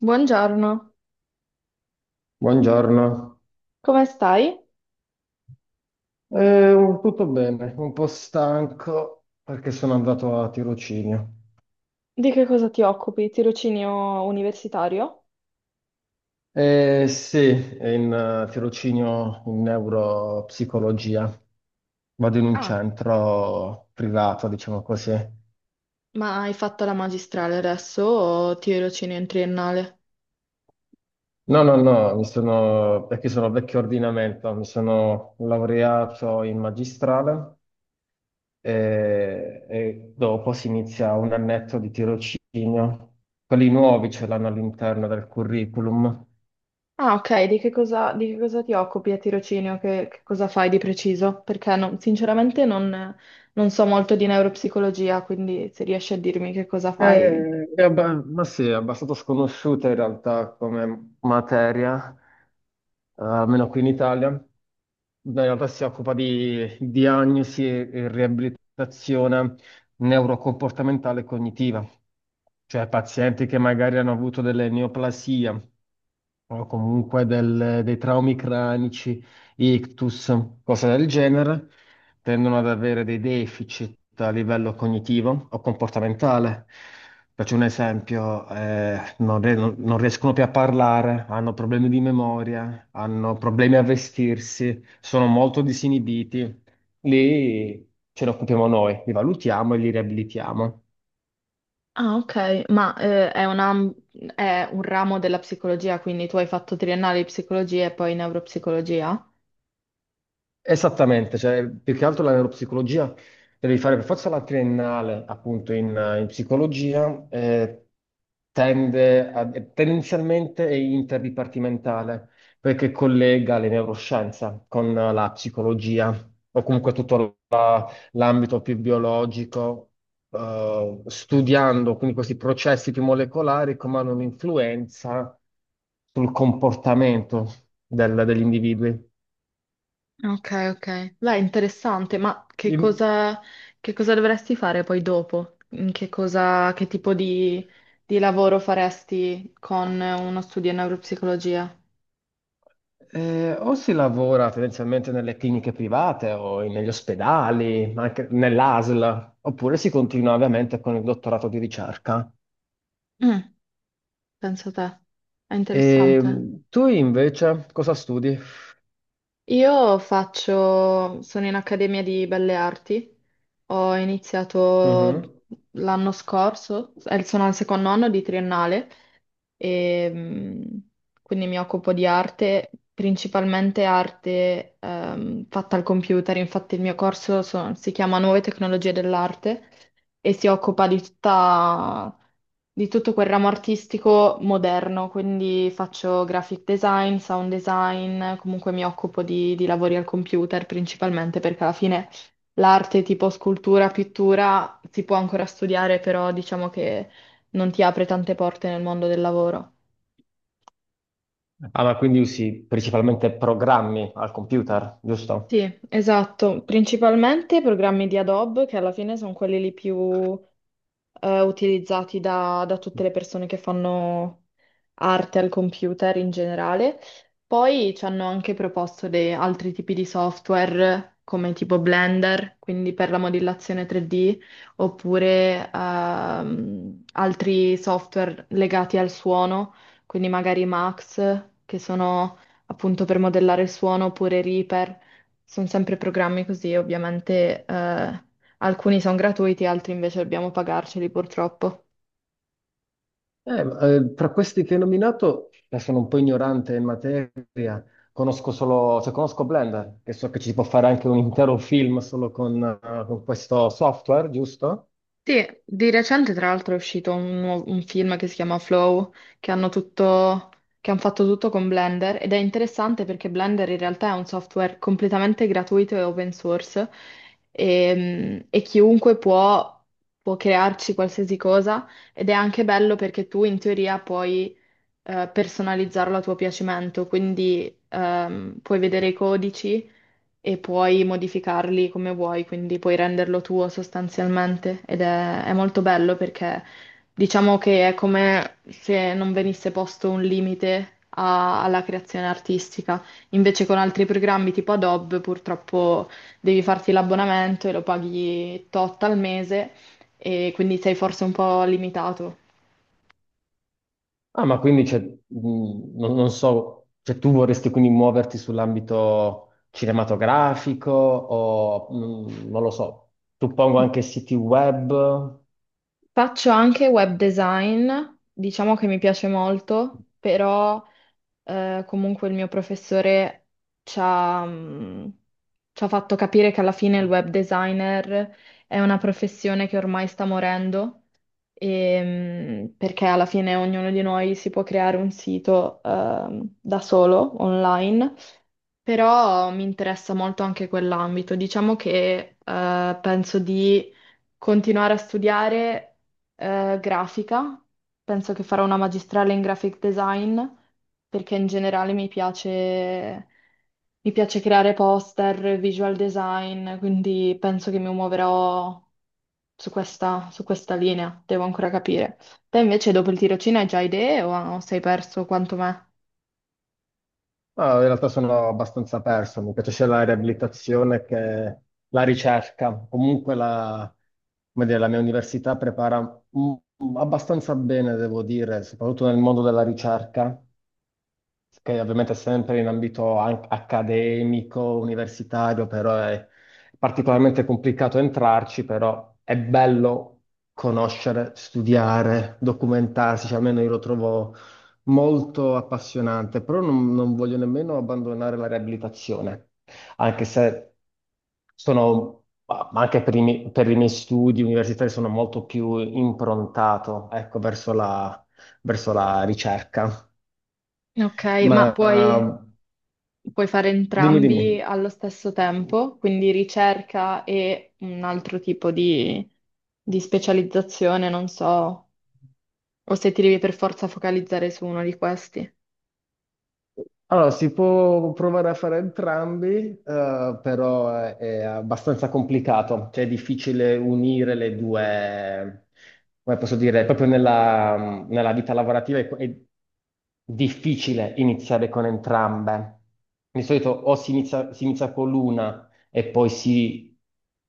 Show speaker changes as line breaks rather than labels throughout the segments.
Buongiorno,
Buongiorno.
come stai?
Tutto bene, un po' stanco perché sono andato a tirocinio.
Di che cosa ti occupi? Tirocinio universitario?
Sì, è in tirocinio in neuropsicologia, vado in un
Ah,
centro privato, diciamo così.
ma hai fatto la magistrale adesso o tirocinio in triennale?
No, no, no, mi sono, perché sono vecchio ordinamento, mi sono laureato in magistrale e dopo si inizia un annetto di tirocinio. Quelli nuovi ce l'hanno all'interno del curriculum.
Ah, ok, di che cosa ti occupi a tirocinio? Che cosa fai di preciso? Perché sinceramente non so molto di neuropsicologia, quindi se riesci a dirmi che cosa fai.
Ma sì, è abbastanza sconosciuta in realtà come materia, almeno qui in Italia. In realtà si occupa di diagnosi e riabilitazione neurocomportamentale e cognitiva, cioè pazienti che magari hanno avuto delle neoplasie o comunque dei traumi cranici, ictus, cose del genere, tendono ad avere dei deficit a livello cognitivo o comportamentale. Faccio un esempio, non, non riescono più a parlare, hanno problemi di memoria, hanno problemi a vestirsi, sono molto disinibiti. Lì ce ne occupiamo noi, li valutiamo e li riabilitiamo.
Ah, ok, ma è è un ramo della psicologia, quindi tu hai fatto triennale di psicologia e poi neuropsicologia?
Esattamente, cioè, più che altro la neuropsicologia devi fare per forza la triennale appunto in psicologia, tendenzialmente è interdipartimentale perché collega le neuroscienze con la psicologia o comunque tutto l'ambito più biologico, studiando quindi questi processi più molecolari come hanno un'influenza sul comportamento degli individui.
Ok, ok. Beh, interessante, ma che cosa dovresti fare poi dopo? In che cosa, che tipo di lavoro faresti con uno studio in neuropsicologia?
O si lavora tendenzialmente nelle cliniche private o negli ospedali, ma anche nell'ASL, oppure si continua ovviamente con il dottorato di ricerca.
Mm, penso te. È
E
interessante.
tu invece cosa studi?
Sono in Accademia di Belle Arti, ho iniziato
Mhm.
l'anno scorso. Sono al secondo anno di triennale e quindi mi occupo di arte, principalmente arte fatta al computer. Infatti il mio corso si chiama Nuove tecnologie dell'arte e si occupa di di tutto quel ramo artistico moderno, quindi faccio graphic design, sound design, comunque mi occupo di lavori al computer, principalmente perché alla fine l'arte tipo scultura, pittura si può ancora studiare, però diciamo che non ti apre tante porte nel mondo del lavoro.
Ah, ma quindi usi principalmente programmi al computer, giusto?
Sì, esatto, principalmente programmi di Adobe, che alla fine sono quelli lì più utilizzati da tutte le persone che fanno arte al computer in generale. Poi ci hanno anche proposto dei altri tipi di software come tipo Blender, quindi per la modellazione 3D, oppure altri software legati al suono, quindi magari Max, che sono appunto per modellare il suono, oppure Reaper. Sono sempre programmi così, ovviamente. Alcuni sono gratuiti, altri invece dobbiamo pagarceli purtroppo.
Tra questi che hai nominato, sono un po' ignorante in materia, conosco solo, cioè conosco Blender, che so che ci si può fare anche un intero film solo con questo software, giusto?
Sì, di recente tra l'altro è uscito un film che si chiama Flow, che hanno tutto, che hanno fatto tutto con Blender, ed è interessante perché Blender in realtà è un software completamente gratuito e open source, e può crearci qualsiasi cosa, ed è anche bello perché tu in teoria puoi personalizzarlo a tuo piacimento, quindi puoi vedere i codici e puoi modificarli come vuoi, quindi puoi renderlo tuo sostanzialmente, ed è molto bello perché diciamo che è come se non venisse posto un limite alla creazione artistica. Invece con altri programmi tipo Adobe purtroppo devi farti l'abbonamento e lo paghi tot al mese, e quindi sei forse un po' limitato.
Ah, non so, cioè tu vorresti quindi muoverti sull'ambito cinematografico o non lo so, suppongo anche siti web.
Faccio anche web design, diciamo che mi piace molto, però comunque il mio professore ci ha, mh, ci ha fatto capire che alla fine il web designer è una professione che ormai sta morendo, e, perché alla fine ognuno di noi si può creare un sito, da solo, online. Però mi interessa molto anche quell'ambito. Diciamo che penso di continuare a studiare grafica, penso che farò una magistrale in graphic design, perché in generale mi piace creare poster, visual design, quindi penso che mi muoverò su su questa linea, devo ancora capire. Te invece dopo il tirocinio hai già idee o sei perso quanto me?
Ah, in realtà sono abbastanza perso, mi piace sia la riabilitazione che la ricerca. Comunque come dire, la mia università prepara abbastanza bene, devo dire, soprattutto nel mondo della ricerca, che ovviamente è sempre in ambito accademico, universitario, però è particolarmente complicato entrarci, però è bello conoscere, studiare, documentarsi, cioè almeno io lo trovo molto appassionante, però non voglio nemmeno abbandonare la riabilitazione, anche se sono, ma anche per i miei studi universitari sono molto più improntato, ecco, verso la ricerca.
Ok, ma
Ma
puoi... puoi fare
Dimmi, dimmi.
entrambi allo stesso tempo, quindi ricerca e un altro tipo di specializzazione, non so, o se ti devi per forza focalizzare su uno di questi.
Allora, si può provare a fare entrambi, però è abbastanza complicato, cioè è difficile unire le due, come posso dire, proprio nella vita lavorativa è difficile iniziare con entrambe. Di solito si inizia con l'una e poi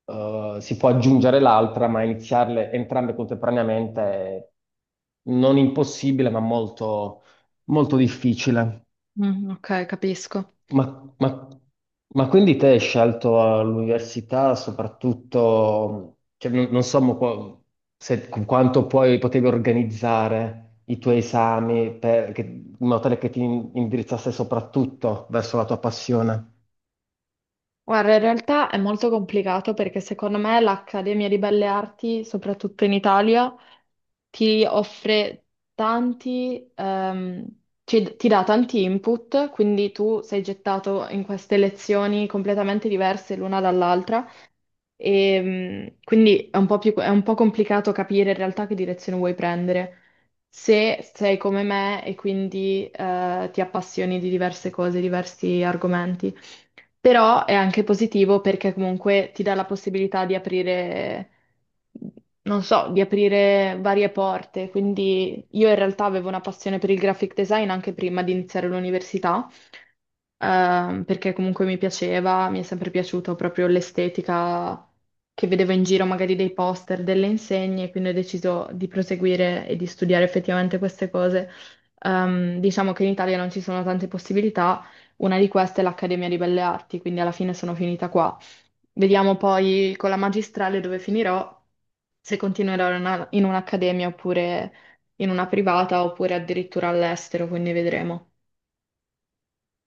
si può aggiungere l'altra, ma iniziarle entrambe contemporaneamente è non impossibile, ma molto difficile.
Mm, ok, capisco.
Ma, ma- ma quindi te hai scelto all'università soprattutto, cioè, non so mo se, con quanto poi potevi organizzare i tuoi esami in modo tale che ti indirizzasse soprattutto verso la tua passione.
Guarda, in realtà è molto complicato perché secondo me l'Accademia di Belle Arti, soprattutto in Italia, ti offre tanti, ehm, ti dà tanti input, quindi tu sei gettato in queste lezioni completamente diverse l'una dall'altra. E, quindi è un po' è un po' complicato capire in realtà che direzione vuoi prendere, se sei come me e quindi ti appassioni di diverse cose, diversi argomenti, però è anche positivo perché comunque ti dà la possibilità di aprire, non so, di aprire varie porte. Quindi io in realtà avevo una passione per il graphic design anche prima di iniziare l'università, perché comunque mi piaceva, mi è sempre piaciuto proprio l'estetica che vedevo in giro, magari dei poster, delle insegne, quindi ho deciso di proseguire e di studiare effettivamente queste cose. Diciamo che in Italia non ci sono tante possibilità, una di queste è l'Accademia di Belle Arti, quindi alla fine sono finita qua. Vediamo poi con la magistrale dove finirò, se continuerò in in un'accademia oppure in una privata oppure addirittura all'estero, quindi vedremo.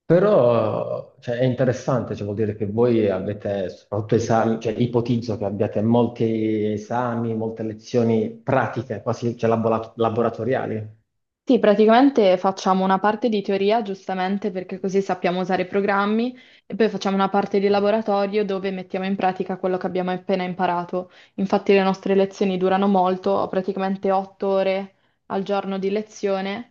Però, cioè, è interessante, cioè, vuol dire che voi avete soprattutto esami, cioè, ipotizzo che abbiate molti esami, molte lezioni pratiche, quasi, cioè, laboratoriali.
Sì, praticamente facciamo una parte di teoria, giustamente perché così sappiamo usare i programmi, e poi facciamo una parte di laboratorio dove mettiamo in pratica quello che abbiamo appena imparato. Infatti le nostre lezioni durano molto, ho praticamente 8 ore al giorno di lezione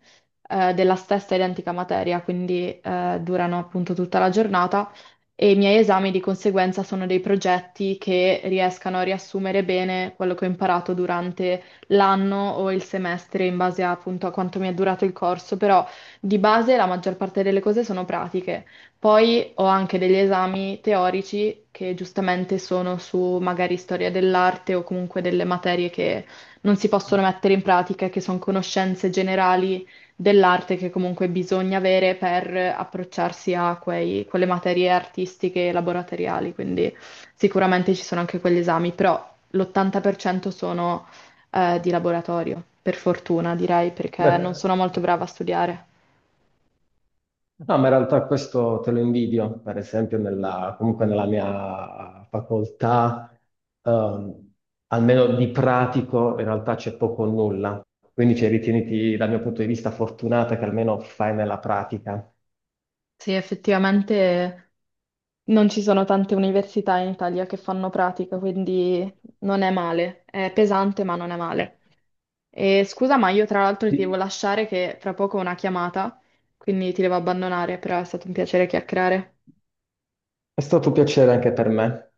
della stessa identica materia, quindi durano appunto tutta la giornata, e i miei esami di conseguenza sono dei progetti che riescano a riassumere bene quello che ho imparato durante l'anno o il semestre in base appunto a quanto mi è durato il corso, però di base la maggior parte delle cose sono pratiche. Poi ho anche degli esami teorici che giustamente sono su magari storia dell'arte o comunque delle materie che non si possono mettere in pratica, e che sono conoscenze generali dell'arte che comunque bisogna avere per approcciarsi a quelle materie artistiche e laboratoriali, quindi sicuramente ci sono anche quegli esami, però l'80% sono di laboratorio, per fortuna direi, perché non
Beh.
sono molto brava a studiare.
No, ma in realtà questo te lo invidio, per esempio comunque nella mia facoltà, ehm, almeno di pratico, in realtà c'è poco o nulla. Quindi cioè, ritieniti, dal mio punto di vista, fortunata che almeno fai nella pratica.
Sì, effettivamente non ci sono tante università in Italia che fanno pratica, quindi non è male. È pesante, ma non è male. E scusa, ma io tra l'altro ti devo
Sì.
lasciare che fra poco ho una chiamata, quindi ti devo abbandonare, però è stato un piacere chiacchierare.
È stato un piacere anche per me.